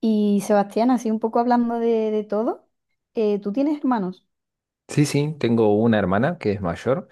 Y Sebastián, así un poco hablando de todo, ¿tú tienes hermanos? Sí, sí, tengo una hermana que es mayor,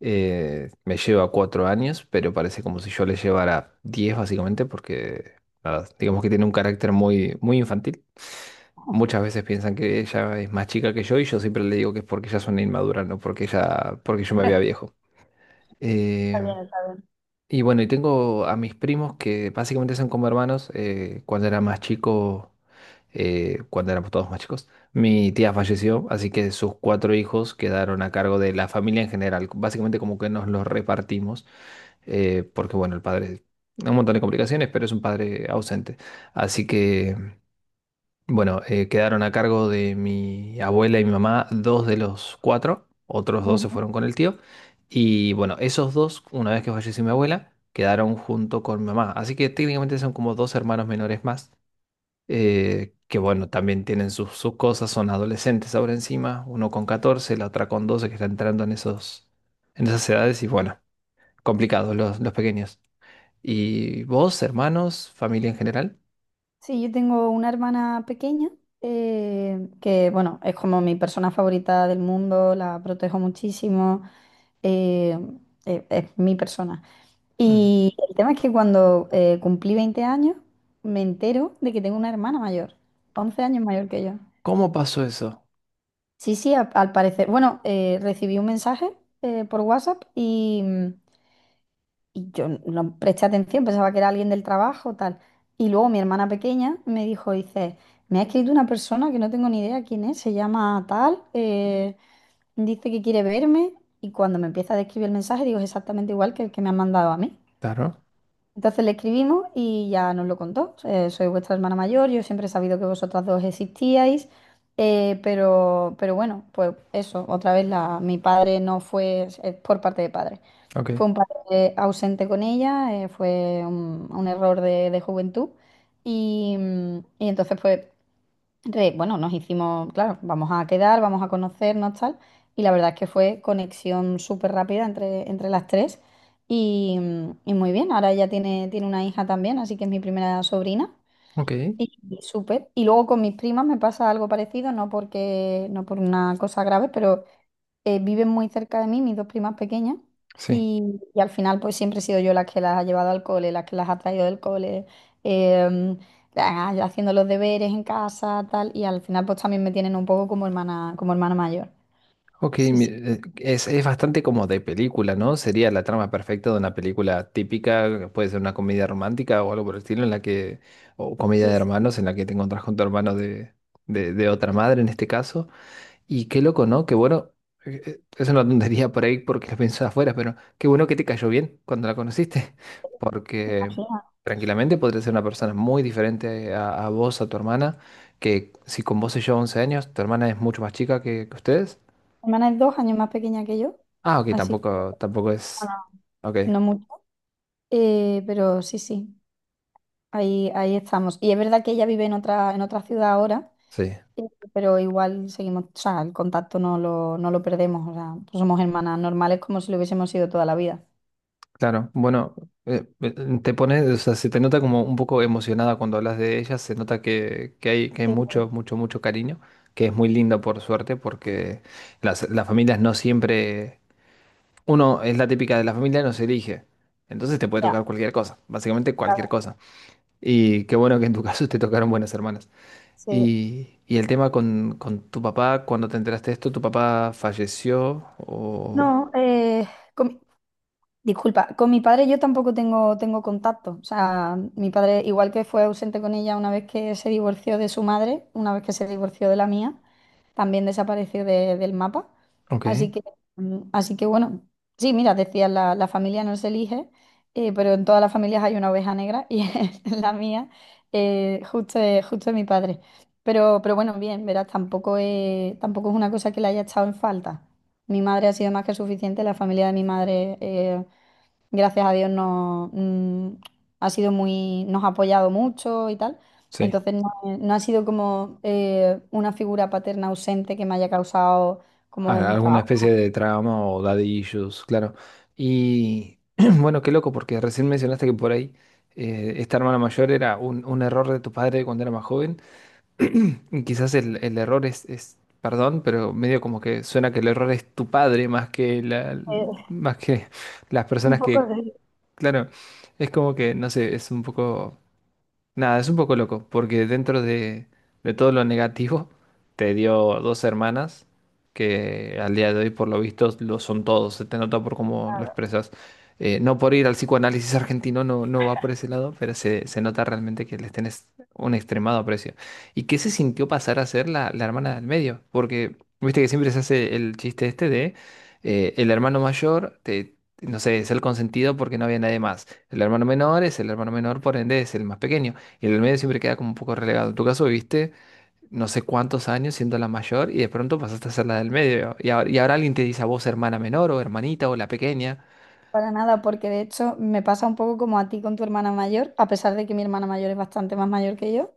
me lleva 4 años, pero parece como si yo le llevara 10 básicamente, porque nada, digamos que tiene un carácter muy, muy infantil. Oh. Muchas veces piensan que ella es más chica que yo y yo siempre le digo que es porque ella es una inmadura, no porque yo me vea Está viejo. Eh, bien, está bien. y bueno, y tengo a mis primos que básicamente son como hermanos. Cuando éramos todos más chicos. Mi tía falleció, así que sus cuatro hijos quedaron a cargo de la familia en general. Básicamente como que nos los repartimos, porque bueno, el padre, un montón de complicaciones, pero es un padre ausente. Así que bueno, quedaron a cargo de mi abuela y mi mamá dos de los cuatro, otros dos se Ujú. fueron con el tío. Y bueno, esos dos, una vez que falleció mi abuela, quedaron junto con mi mamá. Así que técnicamente son como dos hermanos menores más, que bueno, también tienen sus cosas, son adolescentes ahora encima, uno con 14, la otra con 12, que está entrando en esas edades y bueno, complicados los pequeños. ¿Y vos, hermanos, familia en general? Sí, yo tengo una hermana pequeña, que, bueno, es como mi persona favorita del mundo, la protejo muchísimo. eh, es mi persona. Mm. Y el tema es que cuando cumplí 20 años, me entero de que tengo una hermana mayor, 11 años mayor que yo. ¿Cómo pasó eso? Sí, sí, al parecer. Bueno, recibí un mensaje por WhatsApp y yo no presté atención, pensaba que era alguien del trabajo, tal. Y luego mi hermana pequeña me dijo, dice, me ha escrito una persona que no tengo ni idea quién es, se llama tal, dice que quiere verme. Y cuando me empieza a describir el mensaje, digo, es exactamente igual que el que me han mandado a mí. Claro. Entonces le escribimos y ya nos lo contó. Soy vuestra hermana mayor, yo siempre he sabido que vosotras dos existíais, pero bueno, pues eso, otra vez mi padre no fue, es por parte de padre. Ok, Fue un padre ausente con ella, fue un error de juventud y entonces pues bueno, nos hicimos, claro, vamos a quedar, vamos a conocernos, tal. Y la verdad es que fue conexión súper rápida entre las tres. Y, y muy bien, ahora ella tiene una hija también, así que es mi primera sobrina. ok, Y súper. Y luego con mis primas me pasa algo parecido, no porque, no por una cosa grave, pero viven muy cerca de mí, mis dos primas pequeñas, sí. y al final pues siempre he sido yo la que las ha llevado al cole, la que las ha traído del cole, em, haciendo los deberes en casa, tal, y al final pues también me tienen un poco como hermana mayor. Ok, Sí, mi- sí, eh, es, es bastante como de película, ¿no? Sería la trama perfecta de una película típica, puede ser una comedia romántica o algo por el estilo, en la que, o comedia sí, de sí. hermanos, en la que te encontrás con tu hermano de, de otra madre en este caso. Y qué loco, ¿no? Qué bueno, es una tontería por ahí porque lo pensé afuera, pero qué bueno que te cayó bien cuando la conociste, porque Imagina. tranquilamente podría ser una persona muy diferente a vos, a tu hermana, que si con vos se lleva 11 años, tu hermana es mucho más chica que ustedes. Mi hermana es 2 años más pequeña que yo, Ah, ok, así que tampoco, tampoco es. bueno, Ok, no mucho, pero sí, sí, ahí estamos. Y es verdad que ella vive en otra ciudad ahora. sí, Sí, pero igual seguimos, o sea, el contacto no lo perdemos, o sea, pues somos hermanas normales como si lo hubiésemos sido toda la vida. claro. Bueno, eh, eh, te pones, o sea, se te nota como un poco emocionada cuando hablas de ella, se nota que hay Sí, mucho, mucho, mucho cariño, que es muy lindo por suerte, porque las familias no siempre. Uno es la típica de la familia, no se elige. Entonces te puede ya, tocar cualquier cosa, básicamente cualquier claro, cosa. Y qué bueno que en tu caso te tocaron buenas hermanas. sí. Y el tema con tu papá, cuando te enteraste de esto, ¿tu papá falleció o? No, com- disculpa, con mi padre yo tampoco tengo contacto. O sea, mi padre, igual que fue ausente con ella una vez que se divorció de su madre, una vez que se divorció de la mía, también desapareció del mapa. Ok, Así que, así que bueno, sí, mira, decía, la familia no se elige, pero en todas las familias hay una oveja negra y en la mía, justo, justo es mi padre. Pero bueno, bien, verás, tampoco es una cosa que le haya echado en falta. Mi madre ha sido más que suficiente, la familia de mi madre. Gracias a Dios no, ha sido muy, nos ha apoyado mucho y tal. sí. Entonces no ha sido como una figura paterna ausente que me haya causado como un Alguna especie trabajo. de trama o daddy issues, claro. Y bueno, qué loco, porque recién mencionaste que por ahí esta hermana mayor era un error de tu padre cuando era más joven. Y quizás el error es, perdón, pero medio como que suena que el error es tu padre Eh, más que las un personas poco que, de... claro, es como que, no sé, es un poco nada, es un poco loco, porque dentro de, todo lo negativo, te dio dos hermanas que al día de hoy, por lo visto, lo son todos. Se te nota por cómo lo expresas. No por ir al psicoanálisis argentino, no, no va por ese lado, pero se, nota realmente que les tenés un extremado aprecio. ¿Y qué se sintió pasar a ser la hermana del medio? Porque viste que siempre se hace el chiste este de el hermano mayor, no sé, es el consentido porque no había nadie más. El hermano menor es el hermano menor, por ende es el más pequeño. Y en el medio siempre queda como un poco relegado. En tu caso viviste no sé cuántos años siendo la mayor y de pronto pasaste a ser la del medio. Y ahora alguien te dice a vos hermana menor o hermanita o la pequeña. Para nada, porque de hecho me pasa un poco como a ti con tu hermana mayor, a pesar de que mi hermana mayor es bastante más mayor que yo,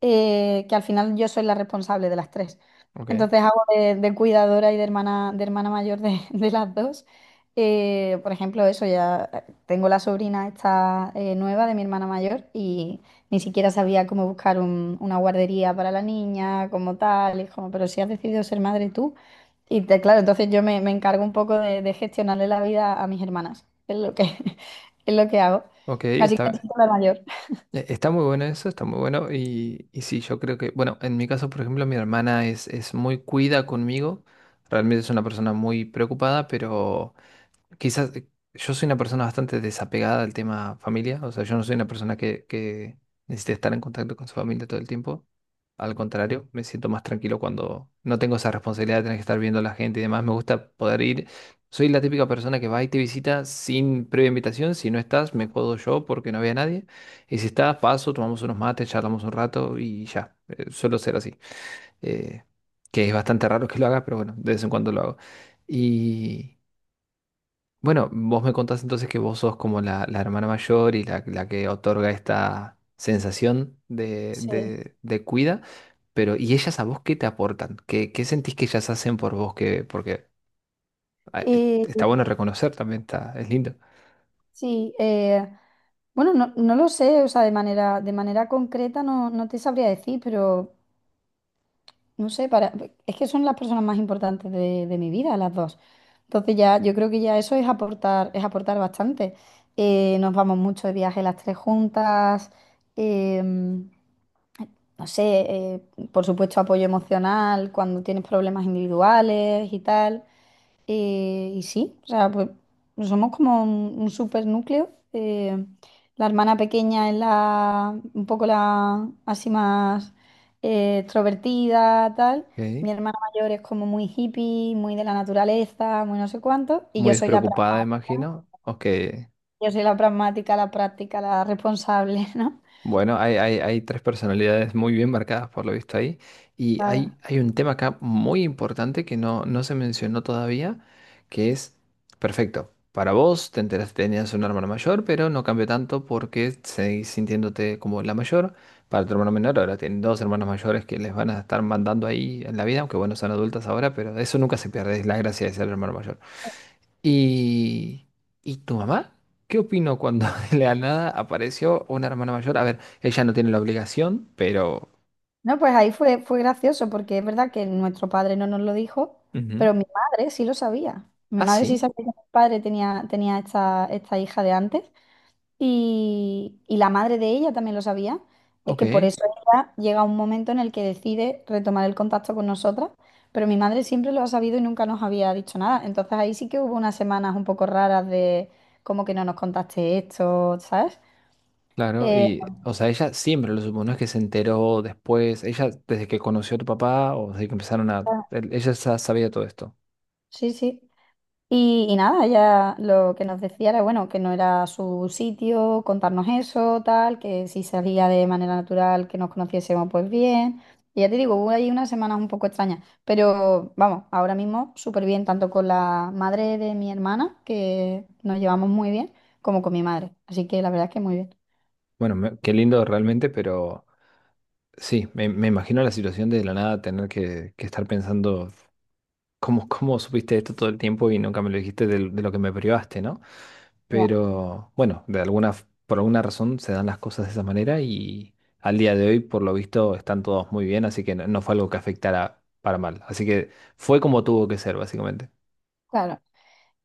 que al final yo soy la responsable de las tres. Ok, Entonces hago de cuidadora y de hermana mayor de, de las dos. Por ejemplo, eso ya, tengo la sobrina esta, nueva de mi hermana mayor y ni siquiera sabía cómo buscar una guardería para la niña, como tal, y es como, pero si has decidido ser madre tú. Claro, entonces yo me encargo un poco de gestionarle la vida a mis hermanas. Es lo que, es lo que hago. ok, Así que me siento la mayor. Está muy bueno eso, está muy bueno. Y sí, yo creo que, bueno, en mi caso, por ejemplo, mi hermana es, muy cuida conmigo. Realmente es una persona muy preocupada, pero quizás yo soy una persona bastante desapegada al tema familia, o sea, yo no soy una persona que necesite estar en contacto con su familia todo el tiempo. Al contrario, me siento más tranquilo cuando no tengo esa responsabilidad de tener que estar viendo a la gente y demás. Me gusta poder ir. Soy la típica persona que va y te visita sin previa invitación. Si no estás, me jodo yo porque no había nadie. Y si estás, paso, tomamos unos mates, charlamos un rato y ya. Suelo ser así. Eh, que es bastante raro que lo haga, pero bueno, de vez en cuando lo hago. Y. Bueno, vos me contás entonces que vos sos como la hermana mayor y la que otorga esta sensación de, Sí. de cuida, pero ¿y ellas a vos qué te aportan? ¿Qué sentís que ellas hacen por vos? Que, porque ah, Y está bueno reconocer también, está, es lindo. sí, bueno, no, no lo sé, o sea, de manera concreta no, no te sabría decir, pero no sé, para, es que son las personas más importantes de mi vida, las dos. Entonces ya, yo creo que ya eso es aportar bastante. Nos vamos mucho de viaje las tres juntas. em, no sé, eh, por supuesto apoyo emocional cuando tienes problemas individuales y tal. Y sí, o sea, pues somos como un súper núcleo. La hermana pequeña es la, un poco la así más extrovertida, tal. Ok. Mi hermana mayor es como muy hippie, muy de la naturaleza, muy no sé cuánto. Y Muy yo soy la despreocupada, pragmática, imagino. Ok. yo soy la pragmática, la práctica, la responsable, ¿no? Bueno, hay, hay tres personalidades muy bien marcadas por lo visto ahí. Y hay, Claro. hay un tema acá muy importante que no se mencionó todavía, que es, perfecto, para vos te enteraste que tenías un hermano mayor, pero no cambió tanto porque seguís sintiéndote como la mayor. Para tu hermano menor, ahora tienen dos hermanos mayores que les van a estar mandando ahí en la vida, aunque bueno, son adultas ahora, pero eso nunca se pierde, es la gracia de ser hermano mayor. ¿Y, y tu mamá? ¿Qué opinó cuando de la nada apareció una hermana mayor? A ver, ella no tiene la obligación, pero. No, pues ahí fue gracioso porque es verdad que nuestro padre no nos lo dijo, Ujú. pero mi madre sí lo sabía. Mi Ah, madre sí sí, sabía que mi padre tenía esta hija de antes y la madre de ella también lo sabía. Es ok, que por eso ella llega un momento en el que decide retomar el contacto con nosotras, pero mi madre siempre lo ha sabido y nunca nos había dicho nada. Entonces ahí sí que hubo unas semanas un poco raras de como que no nos contaste esto, ¿sabes? claro. Eh, Y, o sea, ella siempre lo supo, no es que se enteró después, ella desde que conoció a tu papá o desde que empezaron a... el- Ella ya sabía todo esto. sí, sí. Y nada, ella lo que nos decía era, bueno, que no era su sitio, contarnos eso, tal, que si salía de manera natural, que nos conociésemos pues bien. Y ya te digo, hubo ahí unas semanas un poco extrañas, pero vamos, ahora mismo súper bien, tanto con la madre de mi hermana, que nos llevamos muy bien, como con mi madre. Así que la verdad es que muy bien. Bueno, qué lindo realmente, pero sí, me imagino la situación de la nada tener que, estar pensando, ¿cómo, supiste esto todo el tiempo y nunca me lo dijiste de, lo que me privaste?, ¿no? Ya. Pero bueno, por alguna razón se dan las cosas de esa manera y al día de hoy, por lo visto, están todos muy bien, así que no fue algo que afectara para mal. Así que fue como tuvo que ser, básicamente. Claro.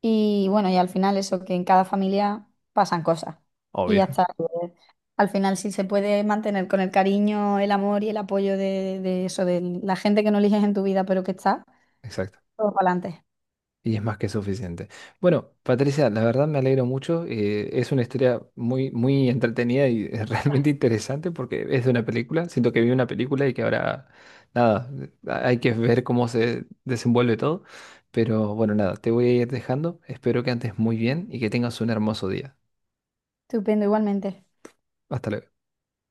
Y bueno, y al final eso, que en cada familia pasan cosas. Y ya Obvio. está. Eh, Al final, si se puede mantener con el cariño, el amor y el apoyo de eso, de la gente que no eliges en tu vida, pero que está, Exacto. todo para adelante. Y es más que suficiente. Bueno, Patricia, la verdad me alegro mucho. Es una historia muy, muy entretenida y realmente interesante porque es de una película. Siento que vi una película y que ahora, nada, hay que ver cómo se desenvuelve todo. Pero bueno, nada, te voy a ir dejando. Espero que andes muy bien y que tengas un hermoso día. Estupendo, igualmente. Hasta luego.